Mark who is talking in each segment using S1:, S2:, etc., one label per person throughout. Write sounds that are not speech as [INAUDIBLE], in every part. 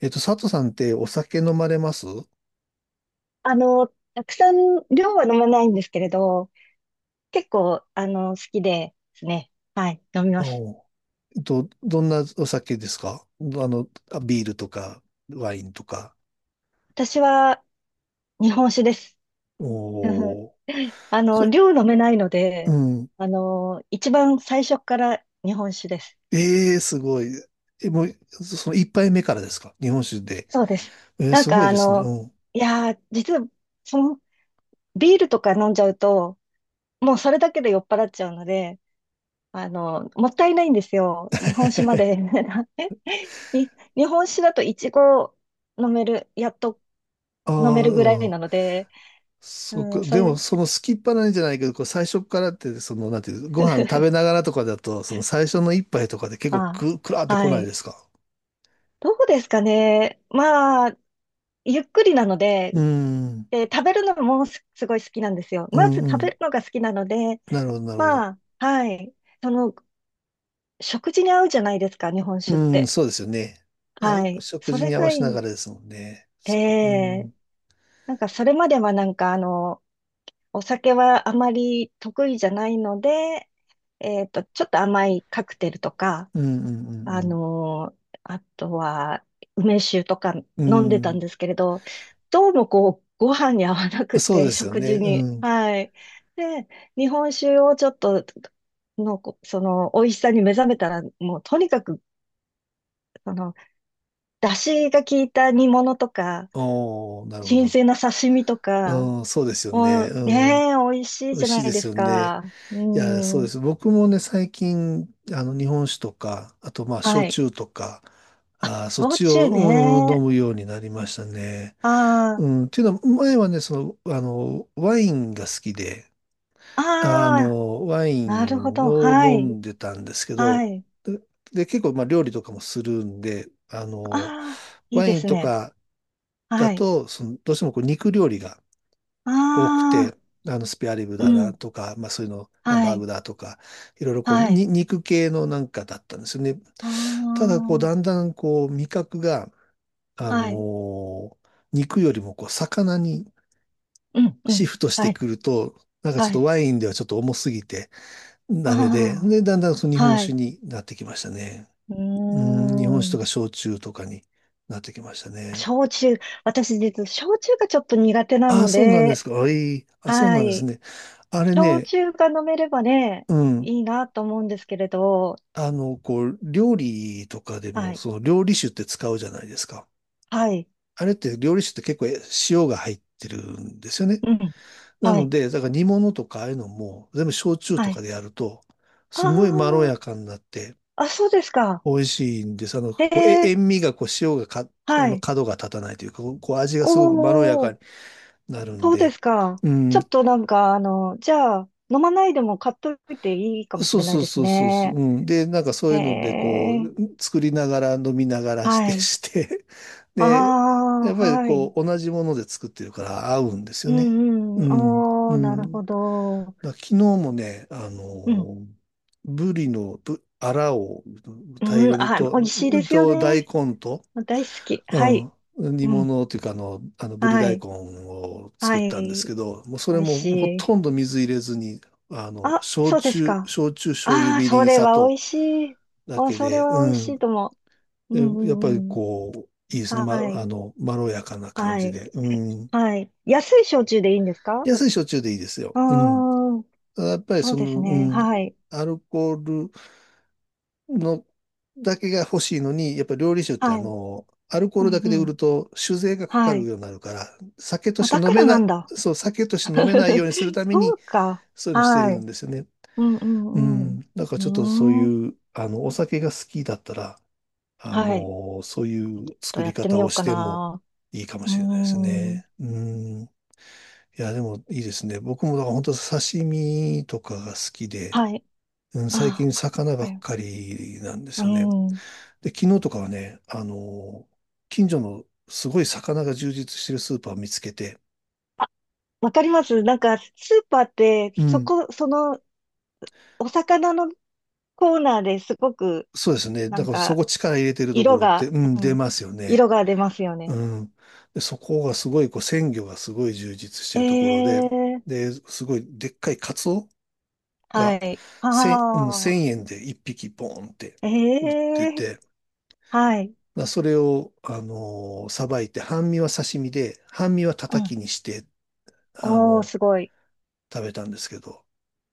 S1: 佐藤さんってお酒飲まれます？
S2: あの、たくさん量は飲まないんですけれど、結構、好きですね。はい、飲みま
S1: あ
S2: す。
S1: おどんなお酒ですか？どあの、あビールとか、ワインとか。
S2: 私は日本酒です。[LAUGHS]
S1: おー。そ
S2: 量飲めないの
S1: う
S2: で、
S1: ん。
S2: 一番最初から日本酒です。
S1: ええ、すごい。え、もう、その一杯目からですか、日本酒で。
S2: そうです。なん
S1: すご
S2: か
S1: い
S2: あ
S1: ですね。
S2: の、
S1: うん。
S2: 実は、その、ビールとか飲んじゃうと、もうそれだけで酔っ払っちゃうので、もったいないんですよ。日本酒まで。
S1: [LAUGHS]
S2: [LAUGHS] に日本酒だとイチゴ飲める、やっと
S1: あ
S2: 飲め
S1: あ、
S2: るぐら
S1: う
S2: い
S1: ん。
S2: なので、う
S1: そっ
S2: ん、
S1: か。
S2: そ
S1: でも、
S2: れ、
S1: その好きっぱなんじゃないけど、こう最初からって、その、なんていう、ご飯食
S2: [LAUGHS]
S1: べながらとかだと、その最初の一杯とかで結構
S2: あ、
S1: くらーってこ
S2: は
S1: ないで
S2: い。
S1: すか？
S2: どうですかね。まあ、ゆっくりなので、
S1: うん。
S2: で、食べるのもすごい好きなんですよ。
S1: う
S2: まず
S1: ん
S2: 食
S1: う
S2: べ
S1: ん。
S2: るのが好きなので、
S1: なるほど、なるほど。
S2: まあ、はい。その、食事に合うじゃないですか、日本
S1: う
S2: 酒っ
S1: ん、
S2: て。
S1: そうですよね。あ、
S2: はい。
S1: 食
S2: そ
S1: 事
S2: れ
S1: に合わ
S2: がい
S1: せなが
S2: い。
S1: らですもんね。
S2: え
S1: そっか。うん。う
S2: え、
S1: ん、
S2: それまではお酒はあまり得意じゃないので、ちょっと甘いカクテルとか、
S1: うん、
S2: あ
S1: うん、
S2: のあとは、梅酒とか
S1: うん。
S2: 飲んで
S1: う
S2: たん
S1: ん。
S2: ですけれど、どうもこう、ご飯に合わなく
S1: そう
S2: て、
S1: ですよ
S2: 食
S1: ね。
S2: 事
S1: う
S2: に。
S1: ん。
S2: はい。で、日本酒をちょっと、の、こその、美味しさに目覚めたら、もうとにかく、その、出汁が効いた煮物とか、
S1: おー、なるほ
S2: 新
S1: ど。
S2: 鮮な刺身とか、
S1: うん、そうですよ
S2: も
S1: ね。
S2: う
S1: うん。
S2: ねえ、美味しい
S1: 美味
S2: じゃ
S1: しい
S2: な
S1: で
S2: いで
S1: す
S2: す
S1: よね。
S2: か。
S1: いや、そう
S2: う
S1: で
S2: ん。
S1: す。僕もね、最近、日本酒とか、あと、まあ、
S2: は
S1: 焼
S2: い。
S1: 酎とか、
S2: あ、
S1: あー、そっ
S2: 焼
S1: ち
S2: 酎
S1: を、うん、飲
S2: ね。
S1: むようになりましたね。
S2: ああ、
S1: うん。っていうのは、前はね、その、ワインが好きで、
S2: ああ、
S1: ワイ
S2: なるほ
S1: ン
S2: ど。
S1: を
S2: は
S1: 飲
S2: い。
S1: んでたんですけど、
S2: はい。
S1: で、で結構まあ料理とかもするんで、
S2: ああ、いい
S1: ワ
S2: で
S1: イン
S2: す
S1: と
S2: ね。
S1: かだ
S2: はい。
S1: と、そのどうしてもこう肉料理が
S2: あ
S1: 多く
S2: あ、
S1: て、スペアリブ
S2: う
S1: だな
S2: ん。
S1: とか、まあそういうの、ハン
S2: は
S1: バー
S2: い。
S1: グだとか、いろいろこう、
S2: はい。
S1: に、肉系のなんかだったんですよね。た
S2: あ
S1: だ、こう、だんだんこう、味覚が、あ
S2: あ、はい。
S1: の肉よりもこう、魚に
S2: うん、う
S1: シ
S2: ん。
S1: フトして
S2: はい。
S1: くると、なんかちょっ
S2: は
S1: と
S2: い。
S1: ワインではちょっと重すぎて、ダメで、
S2: あ
S1: で、だんだんその日
S2: あ、
S1: 本
S2: は
S1: 酒
S2: い。
S1: になってきましたね。
S2: う
S1: うん、日本酒
S2: ー
S1: とか
S2: ん。
S1: 焼酎とかになってきましたね。
S2: 焼酎。私、実は焼酎がちょっと苦手な
S1: ああ、
S2: の
S1: そうなんで
S2: で、
S1: すか。あ、いい。あ、そう
S2: は
S1: なんです
S2: い。
S1: ね。あれ
S2: 焼
S1: ね、
S2: 酎が飲めればね、
S1: うん。
S2: いいなと思うんですけれど、
S1: こう、料理とかで
S2: は
S1: も、
S2: い。
S1: その料理酒って使うじゃないですか。
S2: はい。
S1: あれって料理酒って結構え塩が入ってるんですよね。
S2: うん。
S1: な
S2: は
S1: の
S2: い。
S1: で、だから煮物とかああいうのも、全部焼酎と
S2: は
S1: か
S2: い。
S1: でやると、すごいまろ
S2: あ
S1: やかになって、
S2: あ、あ、そうですか。
S1: 美味しいんです。
S2: え
S1: こう、え、
S2: え、
S1: 塩味が、こう、塩がか、
S2: はい。
S1: 角が立たないというか、こう、こう味が
S2: お
S1: すごくまろやか
S2: ー、
S1: になるん
S2: そうで
S1: で、
S2: すか。
S1: う
S2: ち
S1: ん。
S2: ょっとじゃあ、飲まないでも買っといていいかもし
S1: そう
S2: れな
S1: そ
S2: い
S1: う
S2: です
S1: そうそうそう、う
S2: ね。
S1: ん。で、なんかそう
S2: へ
S1: いうので、こ
S2: え、
S1: う、作りながら飲みながらし
S2: は
S1: て、[LAUGHS]
S2: い。
S1: して、
S2: あ
S1: で、やっ
S2: あ、
S1: ぱり
S2: はい。
S1: こう、同じもので作ってるから合うんです
S2: う
S1: よね。
S2: ん
S1: う
S2: うん。
S1: ん、う
S2: おー、な
S1: ん。
S2: る
S1: だ
S2: ほ
S1: か
S2: ど。
S1: ら昨日もね、
S2: うん。
S1: ブリのアラを大
S2: うん、
S1: 量に
S2: あ、美味
S1: と、
S2: しいですよ
S1: と大
S2: ね。
S1: 根と、
S2: 大好き。は
S1: う
S2: い。
S1: ん。煮
S2: うん。
S1: 物っていうか、ぶり
S2: は
S1: 大
S2: い。
S1: 根を
S2: は
S1: 作ったんです
S2: い。
S1: けど、もうそ
S2: 美
S1: れ
S2: 味し
S1: もほとん
S2: い。
S1: ど水入れずに、
S2: あ、そうですか。
S1: 焼酎、醤油、
S2: ああ、
S1: みり
S2: そ
S1: ん、
S2: れ
S1: 砂
S2: は美
S1: 糖
S2: 味しい。
S1: だ
S2: あ、
S1: け
S2: それ
S1: で、
S2: は美味
S1: う
S2: し
S1: ん。
S2: いと思う。う
S1: で
S2: ん
S1: やっぱり
S2: うんうん。
S1: こう、いいですね。ま、
S2: はい。
S1: まろやかな感
S2: は
S1: じ
S2: い。
S1: で。うん。
S2: はい。安い焼酎でいいんですか？
S1: 安い焼酎でいいですよ。
S2: ああ
S1: うん。
S2: ー、
S1: ただやっぱり
S2: そう
S1: そ
S2: です
S1: の、う
S2: ね。
S1: ん。
S2: はい。
S1: アルコールのだけが欲しいのに、やっぱ料理酒って
S2: はい。
S1: アルコー
S2: う
S1: ルだ
S2: ん
S1: け
S2: う
S1: で売
S2: ん。
S1: ると酒税がかか
S2: は
S1: る
S2: い。
S1: ようになるから、酒と
S2: あ、
S1: し
S2: だ
S1: て飲
S2: か
S1: め
S2: ら
S1: な
S2: なん
S1: い、
S2: だ。
S1: そう、酒として飲めないようにするた
S2: [LAUGHS]
S1: め
S2: そ
S1: に、
S2: うか。
S1: そういうのしてる
S2: は
S1: ん
S2: い。
S1: ですよね。
S2: うんう
S1: う
S2: んう
S1: ん。だからちょっとそう
S2: ん。うーん。
S1: いう、お酒が好きだったら、
S2: はい。
S1: そういう
S2: と
S1: 作
S2: や
S1: り
S2: って
S1: 方
S2: みよ
S1: を
S2: う
S1: し
S2: か
S1: ても
S2: な。
S1: いいかも
S2: うー
S1: しれないです
S2: ん。
S1: ね。うん。いや、でもいいですね。僕もだから本当刺身とかが好きで、
S2: はい。
S1: うん、最
S2: あ、
S1: 近魚
S2: こ
S1: ばっ
S2: れ。
S1: かりなんで
S2: う
S1: す
S2: ー
S1: よね。
S2: ん。
S1: で、昨日とかはね、近所のすごい魚が充実してるスーパーを見つけて、
S2: あ、わかります。なんか、スーパーって、
S1: うん、
S2: その、お魚のコーナーですごく、
S1: そうですね。
S2: な
S1: だ
S2: ん
S1: からそ
S2: か、
S1: こ力入れてるとこ
S2: 色
S1: ろって、
S2: が、
S1: うん、
S2: う
S1: 出
S2: ん、
S1: ますよね。
S2: 色が出ますよ
S1: う
S2: ね。
S1: ん。で、そこがすごい、こう、鮮魚がすごい充実して
S2: え
S1: るところで、
S2: え、
S1: で、すごいでっかいカツオ
S2: は
S1: が
S2: い。あ
S1: 1000、うん、1
S2: あ、
S1: 円で1匹ボーンって
S2: え
S1: 売って
S2: え、
S1: て、
S2: はい。
S1: まあそれを、さばいて、半身は刺身で、半身は
S2: う
S1: 叩
S2: ん。
S1: きにして、あ
S2: おー、
S1: の
S2: すごい。
S1: 食べたんですけど、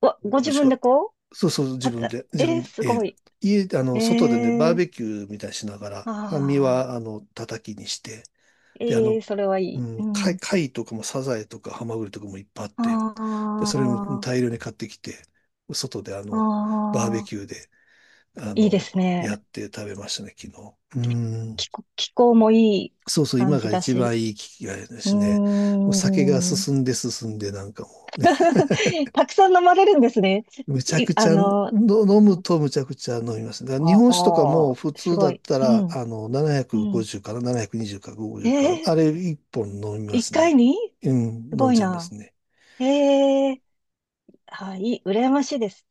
S2: ご
S1: 美
S2: 自
S1: 味し
S2: 分
S1: か、
S2: でこ
S1: そうそう、
S2: う、
S1: 自
S2: 立っ
S1: 分
S2: た。
S1: で、自
S2: え
S1: 分
S2: え、
S1: で、
S2: す
S1: ええ。
S2: ごい。
S1: 家で、
S2: え
S1: 外でね、バー
S2: え、
S1: ベキューみたいにしなが
S2: あ
S1: ら、半身は、
S2: あ、
S1: 叩きにして、で、
S2: ええ、それはい
S1: う
S2: い。う
S1: ん、
S2: ん。
S1: 貝とかもサザエとかハマグリとかもいっぱいあって、
S2: あ
S1: で、それも大量に買ってきて、外で、
S2: あ、
S1: バー
S2: あ
S1: ベキュ
S2: あ、
S1: ーで、あ
S2: いいで
S1: の、
S2: すね。
S1: やって食べましたね、昨日。うん。
S2: 気候もいい
S1: そうそう、
S2: 感
S1: 今
S2: じ
S1: が
S2: だ
S1: 一
S2: し。
S1: 番いい機会で
S2: う
S1: すね。
S2: ー
S1: もう酒が
S2: ん。
S1: 進んで進んで、なんかもうね
S2: [LAUGHS] たくさん飲まれるんですね。
S1: むちゃ
S2: い、
S1: くち
S2: あ
S1: ゃの
S2: の、
S1: 飲むとむちゃくちゃ飲みます。だから日
S2: あ
S1: 本酒とかも
S2: あ、
S1: 普
S2: す
S1: 通だ
S2: ご
S1: っ
S2: い。
S1: た
S2: う
S1: ら、
S2: ん、うん。
S1: 750から720か50か、あ
S2: ええ、
S1: れ1本飲みま
S2: 一
S1: す
S2: 回
S1: ね。
S2: に
S1: う
S2: す
S1: ん、飲
S2: ご
S1: ん
S2: い
S1: じゃいま
S2: な。
S1: すね。
S2: ええ、はい、羨ましいです。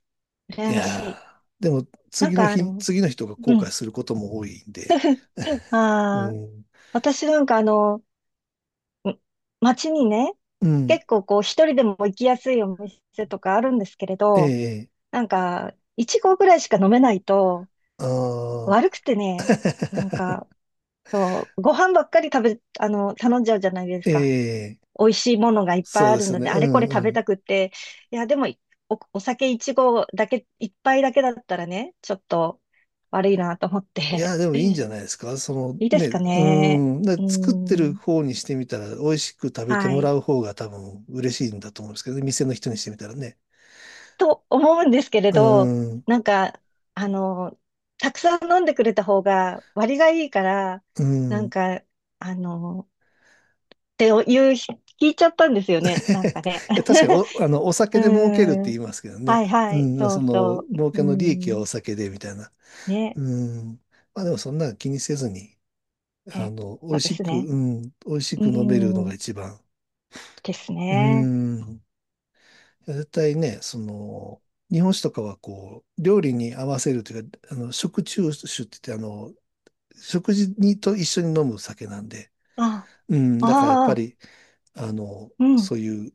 S1: い
S2: 羨まし
S1: や
S2: い。
S1: ーでも
S2: なん
S1: 次の
S2: かあ
S1: 日、
S2: の、
S1: 次の人が後
S2: う
S1: 悔
S2: ん。
S1: することも多いんで。
S2: [LAUGHS]
S1: [LAUGHS] う
S2: ああ、
S1: ん、
S2: 私うん、街にね、
S1: うん、
S2: 結構こう一人でも行きやすいお店とかあるんですけれど、
S1: ええ
S2: なんか、いち合ぐらいしか飲めないと、
S1: ああ
S2: 悪く
S1: ー、
S2: てね、なんか、そう、ご飯ばっかり食べ、あの、頼んじゃうじゃないですか。
S1: [LAUGHS] ええ
S2: 美味しいものがいっぱ
S1: そ
S2: い
S1: う
S2: あ
S1: で
S2: る
S1: すよ
S2: の
S1: ね。
S2: で、あれこれ
S1: う
S2: 食べた
S1: ん、
S2: くって、いや、でも、お酒一合だけ、一杯だけだったらね、ちょっと悪いなと思っ
S1: い
S2: て、
S1: や、で
S2: [LAUGHS]
S1: もいいんじゃ
S2: い
S1: ないですか。その
S2: いで
S1: ね、
S2: すか
S1: う
S2: ね。
S1: ーん、で
S2: うー
S1: 作ってる
S2: ん、
S1: 方にしてみたら、美味しく食べて
S2: は
S1: もら
S2: い。
S1: う方が多分嬉しいんだと思うんですけどね、店の人にしてみたらね。
S2: と思うんですけれ
S1: う
S2: ど、
S1: ーん、
S2: なんか、あの、たくさん飲んでくれた方が割がいいから、
S1: う
S2: な
S1: ーん。[LAUGHS]
S2: ん
S1: い
S2: か、あの、っていうひ、聞いちゃったんですよね、なんかね。
S1: や、確かに
S2: [LAUGHS]
S1: お、お
S2: う
S1: 酒で儲けるっ
S2: ー
S1: て
S2: ん、
S1: 言いますけどね。
S2: はいは
S1: う
S2: い、
S1: ん、
S2: そう
S1: その、
S2: そ
S1: 儲
S2: う。う
S1: けの利益
S2: ー
S1: は
S2: ん、
S1: お酒で、みたいな。
S2: ね。
S1: うん。まあでもそんなの気にせずに、
S2: え、
S1: 美
S2: そ
S1: 味
S2: うで
S1: し
S2: す
S1: く、
S2: ね。
S1: うん、美味し
S2: う
S1: く飲めるのが
S2: ん。
S1: 一番。
S2: です
S1: う
S2: ね。
S1: ん。絶対ね、その、日本酒とかはこう、料理に合わせるというか、食中酒って言って、食事にと一緒に飲む酒なんで、
S2: あ、
S1: うん、だからやっ
S2: あ
S1: ぱ
S2: あ、
S1: り、あの、
S2: うん。
S1: そういう、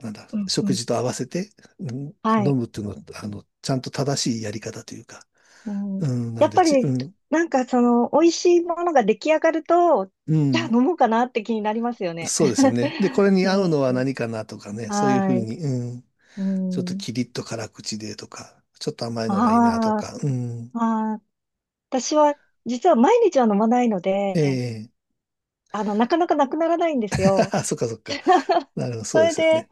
S1: なんだ、
S2: うん、う
S1: 食
S2: ん。
S1: 事と合わせて、うん、
S2: は
S1: 飲
S2: い。
S1: むっていうのは、ちゃんと正しいやり方というか、
S2: うん。
S1: うん、な
S2: や
S1: ん
S2: っ
S1: で、
S2: ぱ
S1: ち、
S2: り、
S1: うん、
S2: 美味しいものが出来上がると、
S1: う
S2: じゃあ
S1: ん、
S2: 飲もうかなって気になりますよね。
S1: そうですよね。で、こ
S2: [LAUGHS]
S1: れに合うのは
S2: うん。
S1: 何かなとかね、そういうふう
S2: はい。
S1: に、うん、
S2: う
S1: ちょっと
S2: ん。
S1: キリッと辛口でとか、ちょっと甘いのがいいなと
S2: ああ、
S1: か、うん、
S2: ああ、私は、実は毎日は飲まないので、
S1: ええ
S2: なかなかなくならないんですよ。
S1: あそっかそっか。
S2: [LAUGHS]
S1: なるほど、そ
S2: そ
S1: うで
S2: れ
S1: すよ
S2: で、
S1: ね。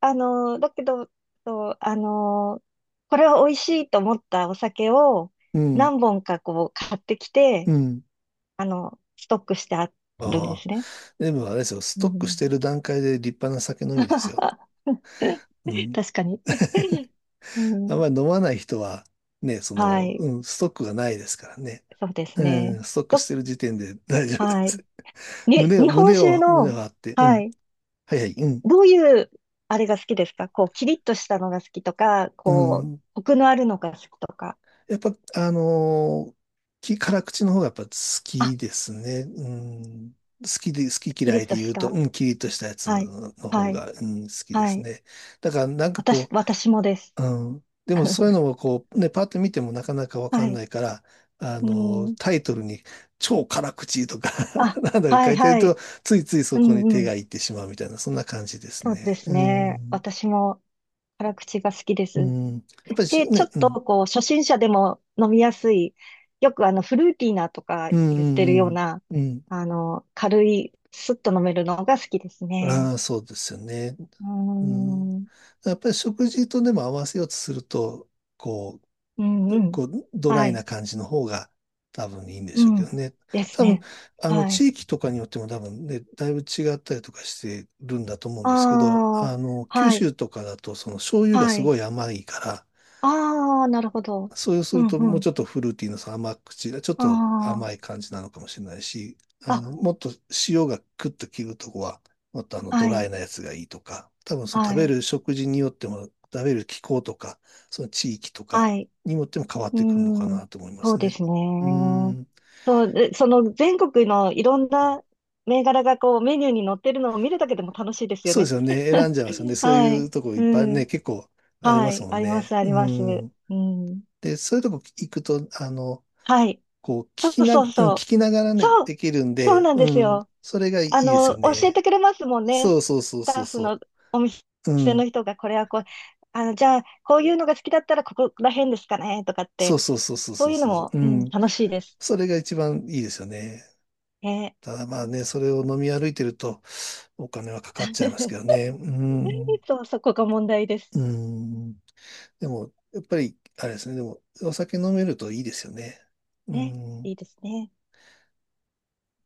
S2: だけど、そう、これは美味しいと思ったお酒を
S1: うん、
S2: 何本かこう買ってき
S1: う
S2: て、
S1: ん。
S2: ストックしてあるんで
S1: ああ、
S2: すね。
S1: でもあれですよ、ス
S2: う
S1: トックし
S2: ん、
S1: てる段階で立派な酒飲みですよ。
S2: [LAUGHS]
S1: うん。
S2: 確かに。
S1: [LAUGHS]
S2: う
S1: あん
S2: ん、
S1: まり飲まない人は、ね、そ
S2: は
S1: の、
S2: い。
S1: うん、ストックがないですからね。
S2: そうです
S1: う
S2: ね。
S1: ん、ストックし
S2: ど、
S1: てる時点で大丈夫で
S2: はい。
S1: す。[LAUGHS] 胸を、
S2: 日本
S1: 胸
S2: 酒
S1: を、胸を
S2: の、
S1: 張って、う
S2: は
S1: ん。
S2: い。
S1: はいはい、うん。
S2: どういう、あれが好きですか？こう、キリッとしたのが好きとか、
S1: う
S2: こう、
S1: ん
S2: コクのあるのが好きとか。
S1: やっぱ、辛口の方がやっぱ好
S2: あ、
S1: きですね。うん、好きで、好き
S2: キ
S1: 嫌
S2: リ
S1: い
S2: ッと
S1: で言
S2: し
S1: う
S2: た。
S1: と、うん、キリッとしたやつ
S2: はい。
S1: の方
S2: はい。
S1: が、うん、好きで
S2: は
S1: す
S2: い。
S1: ね。だからなんか
S2: 私、
S1: こ
S2: 私もです。
S1: う、うん、でもそういうのをこう、ね、パッと見てもなかなかわか
S2: は
S1: ん
S2: い。
S1: ないから、
S2: うん。
S1: タイトルに超辛口とか
S2: あ、
S1: [LAUGHS] なんだ
S2: は
S1: か
S2: い
S1: 書いてる
S2: は
S1: と、
S2: い。
S1: ついつい
S2: う
S1: そこに
S2: ん
S1: 手
S2: うん。
S1: がいってしまうみたいな、そんな感じです
S2: そうで
S1: ね。
S2: す
S1: う
S2: ね。
S1: ん、
S2: 私も辛口が好きで
S1: う
S2: す。
S1: ん、やっぱりし
S2: で、ちょっ
S1: ね、う
S2: と
S1: ん、
S2: こう、初心者でも飲みやすい、よくフルーティーなとか
S1: うん、
S2: 言ってる
S1: うん、う
S2: よう
S1: ん。
S2: な、
S1: うん
S2: 軽い、スッと飲めるのが好きですね。
S1: ああ、そうですよね。
S2: う
S1: うん。
S2: ーん。
S1: やっぱり食事とでも合わせようとすると、こ
S2: うんう
S1: う、
S2: ん。
S1: こう、ドラ
S2: は
S1: イな
S2: い。
S1: 感じの方が多分いいんで
S2: う
S1: しょうけど
S2: ん。
S1: ね。
S2: です
S1: 多分、
S2: ね。はい。
S1: 地域とかによっても多分ね、だいぶ違ったりとかしてるんだと思うんですけど、
S2: ああ、
S1: 九
S2: はい。
S1: 州とかだと、その醤油が
S2: は
S1: すご
S2: い。
S1: い甘いから、
S2: ああ、なるほど。
S1: そうす
S2: う
S1: ると、もうち
S2: ん、
S1: ょっとフルーティーなさ、その甘口が、ちょっと
S2: あ
S1: 甘い感じなのかもしれないし、
S2: あ、あ、
S1: もっと塩がクッと切るとこは、もっとド
S2: は
S1: ラ
S2: い、
S1: イなやつがいいとか、多分その
S2: は
S1: 食べ
S2: い、
S1: る食事によっても、食べる気候とか、その地域とか
S2: はい。
S1: によっても変わっ
S2: う
S1: てくるのか
S2: ん、
S1: なと思いま
S2: そう
S1: す
S2: で
S1: ね。
S2: すね。
S1: うーん、
S2: そう、で全国のいろんな銘柄がこうメニューに載ってるのを見るだけでも楽しいですよ
S1: そうです
S2: ね。
S1: よね。選ん
S2: [LAUGHS]
S1: じゃいますよね。そう
S2: は
S1: いう
S2: い、
S1: とこいっ
S2: う
S1: ぱいね、
S2: ん、
S1: 結構ありま
S2: は
S1: す
S2: い、
S1: もん
S2: ありま
S1: ね。
S2: す、あ
S1: う
S2: ります。
S1: ーん。
S2: うん、
S1: で、そういうとこ行くと、
S2: はい、
S1: こう、聞
S2: そ
S1: き
S2: う
S1: な、うん
S2: そう
S1: 聞
S2: そう。
S1: きながらね、
S2: そ
S1: で
S2: う、
S1: きるん
S2: そ
S1: で、
S2: うなんです
S1: うん、
S2: よ。
S1: それがいいですよ
S2: 教え
S1: ね。
S2: てくれますもんね。
S1: そ
S2: ス
S1: うそうそう
S2: タ
S1: そ
S2: ッ
S1: う
S2: フ
S1: そ
S2: の
S1: う。
S2: 普
S1: う
S2: 通の
S1: ん。
S2: 人が、これはこう、じゃあ、こういうのが好きだったら、ここら辺ですかね、とかっ
S1: そ
S2: て。
S1: うそうそうそう
S2: そ
S1: そ
S2: う
S1: う
S2: いうの
S1: そうそう。
S2: も、
S1: う
S2: うん、
S1: ん。
S2: 楽しいです。
S1: それが一番いいですよね。
S2: ね。
S1: ただまあね、それを飲み歩いてるとお金はかかっちゃいますけど
S2: [LAUGHS]
S1: ね。うん。
S2: そう、そこが問題です。
S1: うん。でも、やっぱり、あれですね。でも、お酒飲めるといいですよね。う
S2: ね。
S1: ん。
S2: いいですね。